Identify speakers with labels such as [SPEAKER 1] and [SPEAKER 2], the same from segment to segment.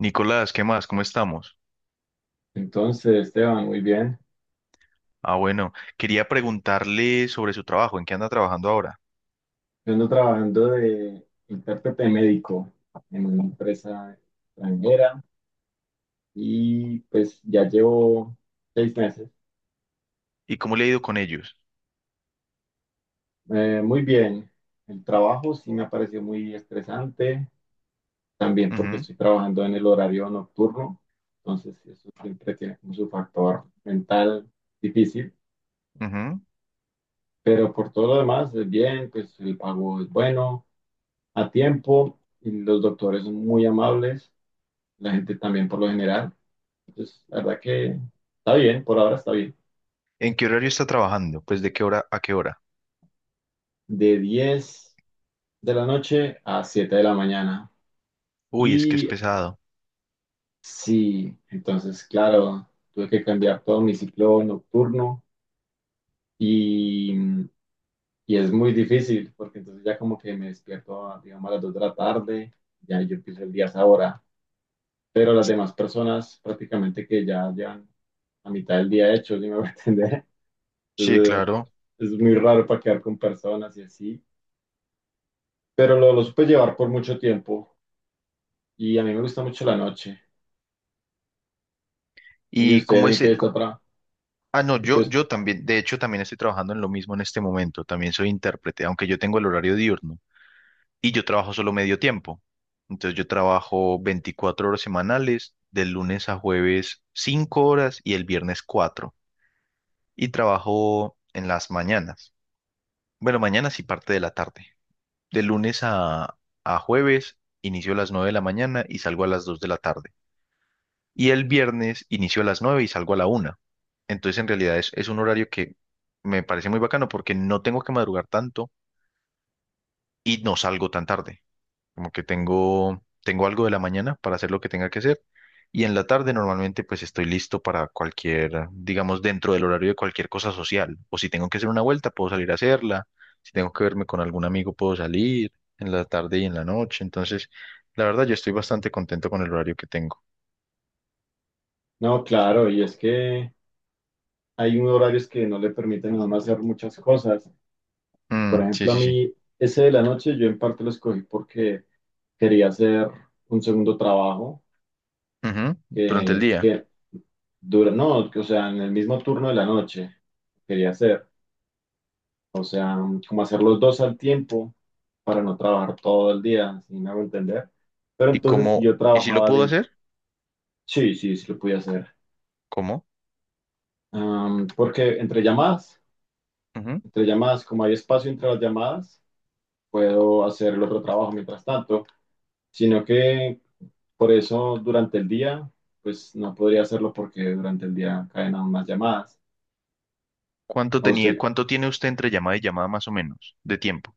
[SPEAKER 1] Nicolás, ¿qué más? ¿Cómo estamos?
[SPEAKER 2] Entonces, Esteban, muy bien.
[SPEAKER 1] Ah, bueno, quería preguntarle sobre su trabajo, ¿en qué anda trabajando ahora?
[SPEAKER 2] Yo ando trabajando de intérprete médico en una empresa extranjera y pues ya llevo 6 meses.
[SPEAKER 1] ¿Y cómo le ha ido con ellos?
[SPEAKER 2] Muy bien. El trabajo sí me ha parecido muy estresante, también porque
[SPEAKER 1] Ujú,
[SPEAKER 2] estoy trabajando en el horario nocturno, entonces sí, eso siempre tiene como su factor mental difícil,
[SPEAKER 1] ujú.
[SPEAKER 2] pero por todo lo demás, es bien, pues el pago es bueno, a tiempo y los doctores son muy amables. La gente también por lo general. Entonces, la verdad que está bien, por ahora está bien.
[SPEAKER 1] ¿En qué horario está trabajando? Pues, ¿de qué hora a qué hora?
[SPEAKER 2] De 10 de la noche a 7 de la mañana.
[SPEAKER 1] Uy, es que es
[SPEAKER 2] Y
[SPEAKER 1] pesado.
[SPEAKER 2] sí, entonces, claro, tuve que cambiar todo mi ciclo nocturno y, y es muy difícil porque entonces ya como que me despierto, digamos, a las 2 de la tarde, ya yo empiezo el día a esa hora. Pero las demás personas prácticamente que ya llevan la mitad del día hecho, ¿sí me voy a entender?
[SPEAKER 1] Sí,
[SPEAKER 2] Entonces,
[SPEAKER 1] claro.
[SPEAKER 2] es muy raro para quedar con personas y así, pero lo supe llevar por mucho tiempo y a mí me gusta mucho la noche. ¿Y
[SPEAKER 1] ¿Y
[SPEAKER 2] usted
[SPEAKER 1] cómo
[SPEAKER 2] en
[SPEAKER 1] es?
[SPEAKER 2] qué está atrás?
[SPEAKER 1] Ah, no,
[SPEAKER 2] Y tú,
[SPEAKER 1] yo también, de hecho, también estoy trabajando en lo mismo en este momento. También soy intérprete, aunque yo tengo el horario diurno y yo trabajo solo medio tiempo. Entonces yo trabajo 24 horas semanales, del lunes a jueves 5 horas y el viernes 4. Y trabajo en las mañanas. Bueno, mañanas y parte de la tarde. De lunes a jueves inicio a las 9 de la mañana y salgo a las 2 de la tarde. Y el viernes inicio a las 9 y salgo a la una. Entonces, en realidad es un horario que me parece muy bacano porque no tengo que madrugar tanto y no salgo tan tarde. Como que tengo algo de la mañana para hacer lo que tenga que hacer. Y en la tarde normalmente pues estoy listo para cualquier, digamos, dentro del horario de cualquier cosa social. O si tengo que hacer una vuelta, puedo salir a hacerla. Si tengo que verme con algún amigo, puedo salir en la tarde y en la noche. Entonces, la verdad, yo estoy bastante contento con el horario que tengo.
[SPEAKER 2] no, claro, y es que hay unos horarios que no le permiten a uno hacer muchas cosas. Por
[SPEAKER 1] Mm, sí,
[SPEAKER 2] ejemplo, a
[SPEAKER 1] sí, sí.
[SPEAKER 2] mí, ese de la noche yo en parte lo escogí porque quería hacer un segundo trabajo
[SPEAKER 1] Ujú. Durante el
[SPEAKER 2] que,
[SPEAKER 1] día.
[SPEAKER 2] que dura, no, que, o sea, en el mismo turno de la noche quería hacer, o sea, como hacer los dos al tiempo para no trabajar todo el día, si me hago entender. Pero
[SPEAKER 1] ¿Y
[SPEAKER 2] entonces si
[SPEAKER 1] cómo?
[SPEAKER 2] yo
[SPEAKER 1] ¿Y si lo
[SPEAKER 2] trabajaba
[SPEAKER 1] puedo
[SPEAKER 2] de,
[SPEAKER 1] hacer?
[SPEAKER 2] sí, sí, sí lo podía hacer.
[SPEAKER 1] ¿Cómo?
[SPEAKER 2] Porque entre llamadas,
[SPEAKER 1] Ujú.
[SPEAKER 2] como hay espacio entre las llamadas, puedo hacer el otro trabajo mientras tanto, sino que por eso durante el día, pues no podría hacerlo porque durante el día caen aún más llamadas.
[SPEAKER 1] ¿Cuánto
[SPEAKER 2] ¿A
[SPEAKER 1] tenía,
[SPEAKER 2] usted,
[SPEAKER 1] Cuánto tiene usted entre llamada y llamada más o menos de tiempo?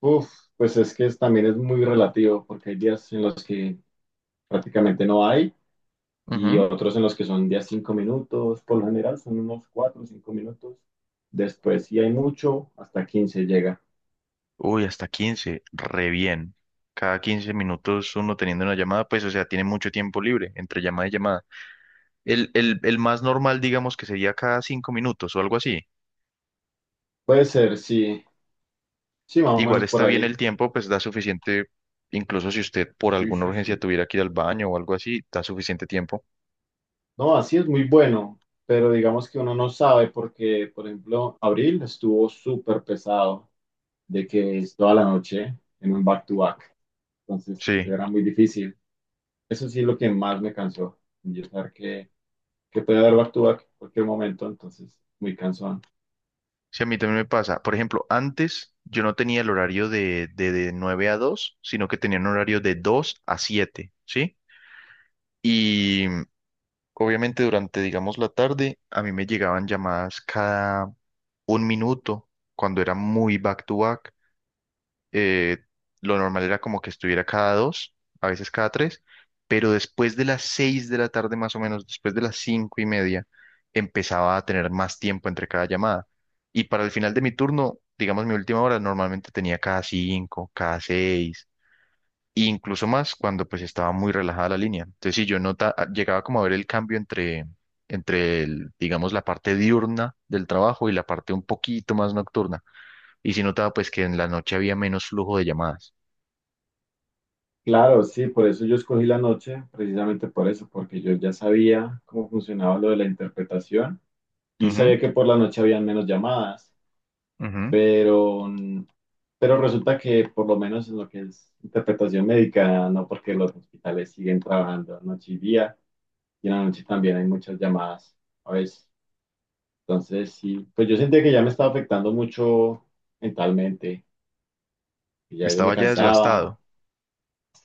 [SPEAKER 2] Uf, pues también es muy relativo, porque hay días en los que prácticamente no hay y otros en los que son días 5 minutos, por lo general son unos 4 o 5 minutos. Después, si hay mucho, hasta 15 llega.
[SPEAKER 1] Uy, hasta 15, re bien. Cada 15 minutos uno teniendo una llamada, pues, o sea, tiene mucho tiempo libre entre llamada y llamada. El más normal, digamos, que sería cada 5 minutos o algo así.
[SPEAKER 2] Puede ser, sí, sí, más o
[SPEAKER 1] Igual
[SPEAKER 2] menos por
[SPEAKER 1] está bien
[SPEAKER 2] ahí.
[SPEAKER 1] el tiempo, pues da suficiente, incluso si usted por
[SPEAKER 2] Sí,
[SPEAKER 1] alguna
[SPEAKER 2] sí,
[SPEAKER 1] urgencia
[SPEAKER 2] sí.
[SPEAKER 1] tuviera que ir al baño o algo así, da suficiente tiempo.
[SPEAKER 2] No, así es muy bueno, pero digamos que uno no sabe porque, por ejemplo, abril estuvo súper pesado de que es toda la noche en un back-to-back. Entonces,
[SPEAKER 1] Sí,
[SPEAKER 2] era muy difícil. Eso sí es lo que más me cansó, yo saber que puede haber back-to-back en cualquier momento, entonces, muy cansón.
[SPEAKER 1] sí, a mí también me pasa. Por ejemplo, antes yo no tenía el horario de 9 a 2, sino que tenía un horario de 2 a 7, ¿sí? Y... Obviamente durante, digamos, la tarde, a mí me llegaban llamadas cada un minuto, cuando era muy back to back. Eh, lo normal era como que estuviera cada dos, a veces cada tres, pero después de las 6 de la tarde más o menos, después de las 5:30, empezaba a tener más tiempo entre cada llamada. Y para el final de mi turno, digamos, mi última hora, normalmente tenía cada cinco, cada seis e incluso más cuando pues estaba muy relajada la línea. Entonces, si yo nota, ah, llegaba como a ver el cambio entre, entre el, digamos, la parte diurna del trabajo y la parte un poquito más nocturna. Y si notaba pues que en la noche había menos flujo de llamadas.
[SPEAKER 2] Claro, sí, por eso yo escogí la noche, precisamente por eso, porque yo ya sabía cómo funcionaba lo de la interpretación y
[SPEAKER 1] Ujú,
[SPEAKER 2] sabía que por la noche habían menos llamadas.
[SPEAKER 1] ujú.
[SPEAKER 2] pero, mm, pero resulta que por lo menos en lo que es interpretación médica, no porque los hospitales siguen trabajando noche y día, y en la noche también hay muchas llamadas a veces. Entonces, sí, pues yo sentía que ya me estaba afectando mucho mentalmente, y ya yo me
[SPEAKER 1] Estaba ya
[SPEAKER 2] cansaba.
[SPEAKER 1] desgastado.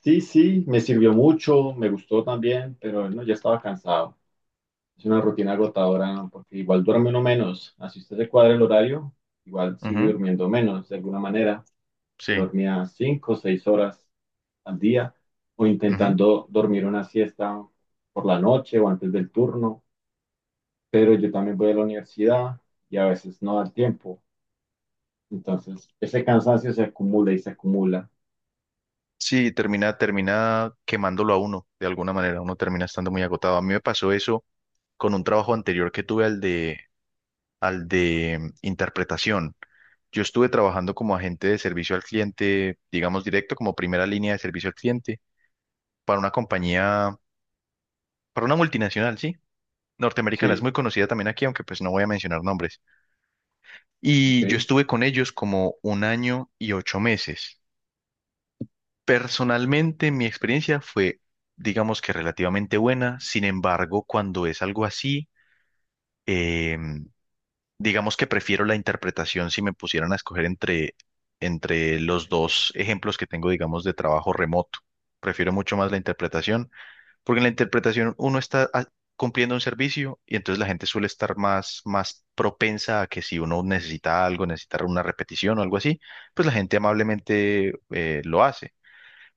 [SPEAKER 2] Sí, sí, me sirvió mucho, me gustó también, pero no, ya estaba cansado. Es una rutina agotadora, ¿no? Porque igual duerme uno menos. Así usted se cuadra el horario, igual sigue
[SPEAKER 1] Ujú,
[SPEAKER 2] durmiendo menos de alguna manera. Yo
[SPEAKER 1] sí.
[SPEAKER 2] dormía 5 o 6 horas al día, o
[SPEAKER 1] Ujú.
[SPEAKER 2] intentando dormir una siesta por la noche o antes del turno, pero yo también voy a la universidad y a veces no da el tiempo. Entonces, ese cansancio se acumula y se acumula.
[SPEAKER 1] Sí, termina quemándolo a uno, de alguna manera. Uno termina estando muy agotado. A mí me pasó eso con un trabajo anterior que tuve al de interpretación. Yo estuve trabajando como agente de servicio al cliente, digamos directo, como primera línea de servicio al cliente para una compañía, para una multinacional, sí, norteamericana, es
[SPEAKER 2] Sí,
[SPEAKER 1] muy conocida también aquí, aunque pues no voy a mencionar nombres. Y yo
[SPEAKER 2] ok.
[SPEAKER 1] estuve con ellos como 1 año y 8 meses. Personalmente, mi experiencia fue, digamos que relativamente buena, sin embargo, cuando es algo así, em, Digamos que prefiero la interpretación si me pusieran a escoger entre los dos ejemplos que tengo, digamos, de trabajo remoto. Prefiero mucho más la interpretación, porque en la interpretación uno está cumpliendo un servicio y entonces la gente suele estar más propensa a que si uno necesita algo, necesita una repetición o algo así, pues la gente amablemente lo hace.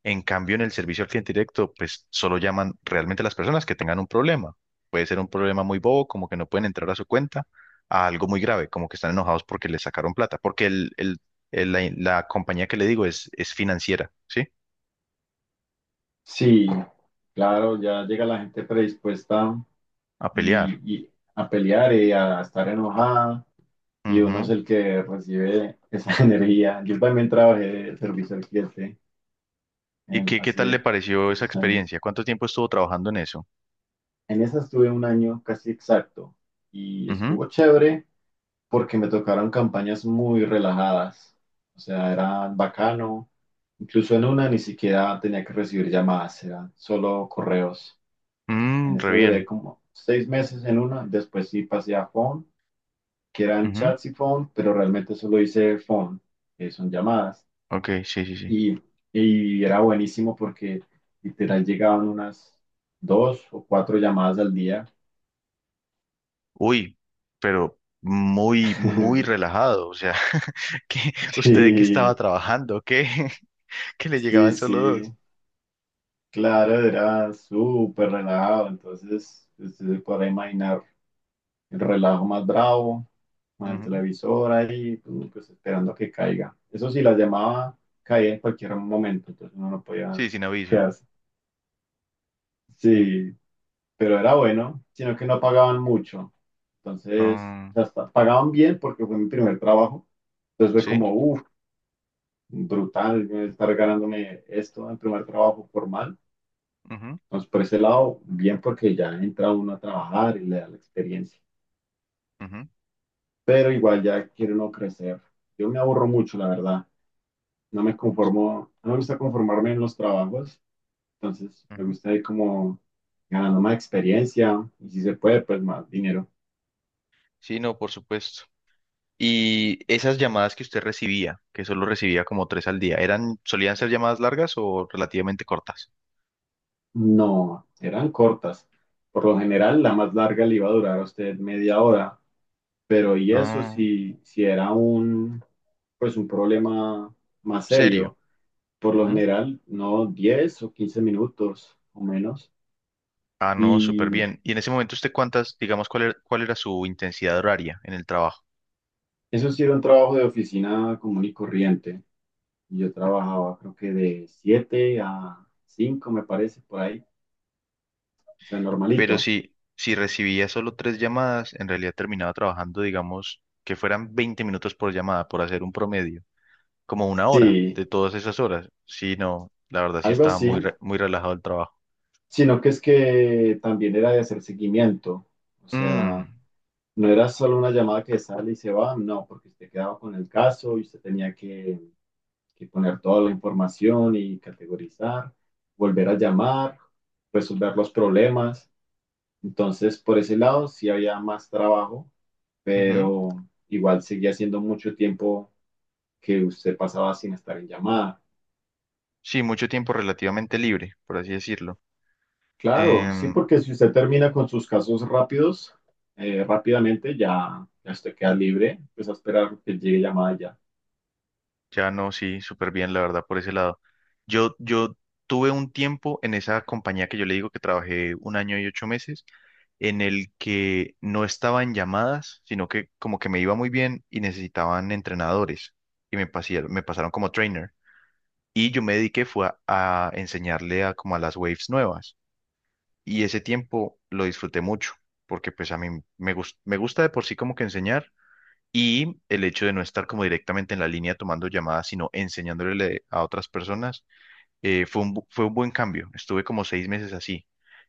[SPEAKER 1] En cambio, en el servicio al cliente directo, pues solo llaman realmente a las personas que tengan un problema. Puede ser un problema muy bobo, como que no pueden entrar a su cuenta, a algo muy grave, como que están enojados porque les sacaron plata, porque la compañía que le digo es financiera, ¿sí?
[SPEAKER 2] Sí, claro, ya llega la gente predispuesta
[SPEAKER 1] A pelear.
[SPEAKER 2] y a pelear y a estar enojada y uno es
[SPEAKER 1] Ujú.
[SPEAKER 2] el que recibe esa energía. Yo también trabajé de servicio al cliente
[SPEAKER 1] ¿Y qué tal le
[SPEAKER 2] hace
[SPEAKER 1] pareció esa
[SPEAKER 2] 2 años.
[SPEAKER 1] experiencia? ¿Cuánto tiempo estuvo trabajando en eso?
[SPEAKER 2] En esa estuve un año casi exacto y
[SPEAKER 1] Ujú.
[SPEAKER 2] estuvo chévere porque me tocaron campañas muy relajadas, o sea, era bacano. Incluso en una ni siquiera tenía que recibir llamadas, eran solo correos. En
[SPEAKER 1] Mm, re
[SPEAKER 2] esa duré
[SPEAKER 1] bien.
[SPEAKER 2] como 6 meses en una, después sí pasé a phone, que eran
[SPEAKER 1] Ujú.
[SPEAKER 2] chats y phone, pero realmente solo hice phone, que son llamadas.
[SPEAKER 1] Ok, sí, sí, sí.
[SPEAKER 2] Y, y era buenísimo porque literal llegaban unas dos o cuatro llamadas al día.
[SPEAKER 1] Uy, pero muy, muy relajado. O sea, ¿qué usted De qué estaba
[SPEAKER 2] Sí,
[SPEAKER 1] trabajando? ¿Qué? Que le
[SPEAKER 2] sí,
[SPEAKER 1] llegaban solo dos.
[SPEAKER 2] sí, claro, era súper relajado, entonces usted se podrá imaginar el relajo más bravo, con el
[SPEAKER 1] Ujú.
[SPEAKER 2] televisor ahí, tú, pues esperando a que caiga. Eso sí, la llamaba caía en cualquier momento, entonces uno no podía
[SPEAKER 1] Sí, sin aviso.
[SPEAKER 2] quedarse. Sí, pero era bueno, sino que no pagaban mucho. Entonces,
[SPEAKER 1] Ah,
[SPEAKER 2] hasta pagaban bien porque fue mi primer trabajo. Entonces fue
[SPEAKER 1] sí.
[SPEAKER 2] como, uff, brutal estar ganándome esto en primer trabajo formal.
[SPEAKER 1] Ujú,
[SPEAKER 2] Entonces, por ese lado, bien porque ya entra uno a trabajar y le da la experiencia.
[SPEAKER 1] ujú,
[SPEAKER 2] Pero igual ya quiero no crecer. Yo me aburro mucho, la verdad. No me conformo, no me gusta conformarme en los trabajos, entonces me
[SPEAKER 1] ujú.
[SPEAKER 2] gusta ir como ganando más experiencia y si se puede, pues más dinero.
[SPEAKER 1] Sí, no, por supuesto. Y esas llamadas que usted recibía, que solo recibía como tres al día, ¿ solían ser llamadas largas o relativamente cortas?
[SPEAKER 2] No, eran cortas. Por lo general, la más larga le iba a durar a usted media hora, pero y eso
[SPEAKER 1] Ah,
[SPEAKER 2] si, si era un, pues un problema más
[SPEAKER 1] serio.
[SPEAKER 2] serio. Por lo
[SPEAKER 1] Ujú.
[SPEAKER 2] general, no 10 o 15 minutos o menos.
[SPEAKER 1] Ah, no, súper
[SPEAKER 2] Y
[SPEAKER 1] bien. ¿Y en ese momento usted digamos, cuál era su intensidad horaria en el trabajo?
[SPEAKER 2] Eso sí era un trabajo de oficina común y corriente. Yo trabajaba creo que de 7 a 5 me parece, por ahí. O sea,
[SPEAKER 1] Pero
[SPEAKER 2] normalito.
[SPEAKER 1] si recibía solo tres llamadas, en realidad terminaba trabajando, digamos, que fueran 20 minutos por llamada, por hacer un promedio, como una hora
[SPEAKER 2] Sí,
[SPEAKER 1] de todas esas horas. Sí, no, la verdad sí
[SPEAKER 2] algo
[SPEAKER 1] estaba
[SPEAKER 2] así.
[SPEAKER 1] muy relajado el trabajo.
[SPEAKER 2] Sino que es que también era de hacer seguimiento. O sea,
[SPEAKER 1] Mm,
[SPEAKER 2] no era solo una llamada que sale y se va, no, porque usted quedaba con el caso y usted tenía que poner toda la información y categorizar, volver a llamar, resolver los problemas. Entonces, por ese lado sí había más trabajo,
[SPEAKER 1] ujú.
[SPEAKER 2] pero igual seguía siendo mucho tiempo que usted pasaba sin estar en llamada.
[SPEAKER 1] Sí, mucho tiempo relativamente libre, por así decirlo.
[SPEAKER 2] Claro, sí,
[SPEAKER 1] Em,
[SPEAKER 2] porque si usted termina con sus casos rápidos, rápidamente ya usted queda libre, pues a esperar que llegue llamada y ya.
[SPEAKER 1] Ya no, sí, súper bien, la verdad, por ese lado. Yo tuve un tiempo en esa compañía que yo le digo que trabajé 1 año y 8 meses, en el que no estaba en llamadas, sino que como que me iba muy bien y necesitaban entrenadores y me pasaron como trainer. Y yo me dediqué fue a enseñarle a como a las waves nuevas. Y ese tiempo lo disfruté mucho, porque pues a mí me gusta de por sí como que enseñar y el hecho de no estar como directamente en la línea tomando llamadas, sino enseñándole a otras personas, fue un buen cambio. Estuve como 6 meses así.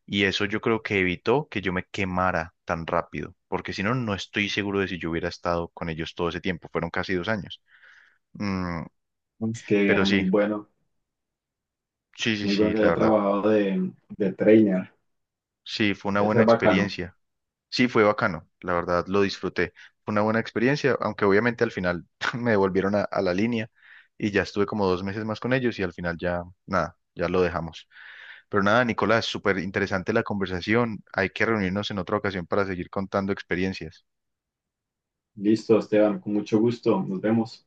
[SPEAKER 1] Y eso yo creo que evitó que yo me quemara tan rápido, porque si no, no estoy seguro de si yo hubiera estado con ellos todo ese tiempo. Fueron casi 2 años. Mm,
[SPEAKER 2] Es que
[SPEAKER 1] pero
[SPEAKER 2] muy
[SPEAKER 1] sí,
[SPEAKER 2] bueno,
[SPEAKER 1] sí, sí,
[SPEAKER 2] muy bueno
[SPEAKER 1] sí,
[SPEAKER 2] que
[SPEAKER 1] la
[SPEAKER 2] haya
[SPEAKER 1] verdad.
[SPEAKER 2] trabajado de trainer.
[SPEAKER 1] Sí, fue una
[SPEAKER 2] Debe
[SPEAKER 1] buena
[SPEAKER 2] ser bacano.
[SPEAKER 1] experiencia. Sí, fue bacano, la verdad, lo disfruté. Fue una buena experiencia, aunque obviamente al final me devolvieron a la línea y ya estuve como 2 meses más con ellos y al final ya, nada, ya lo dejamos. Pero nada, Nicolás, súper interesante la conversación. Hay que reunirnos en otra ocasión para seguir contando experiencias.
[SPEAKER 2] Listo, Esteban, con mucho gusto. Nos vemos.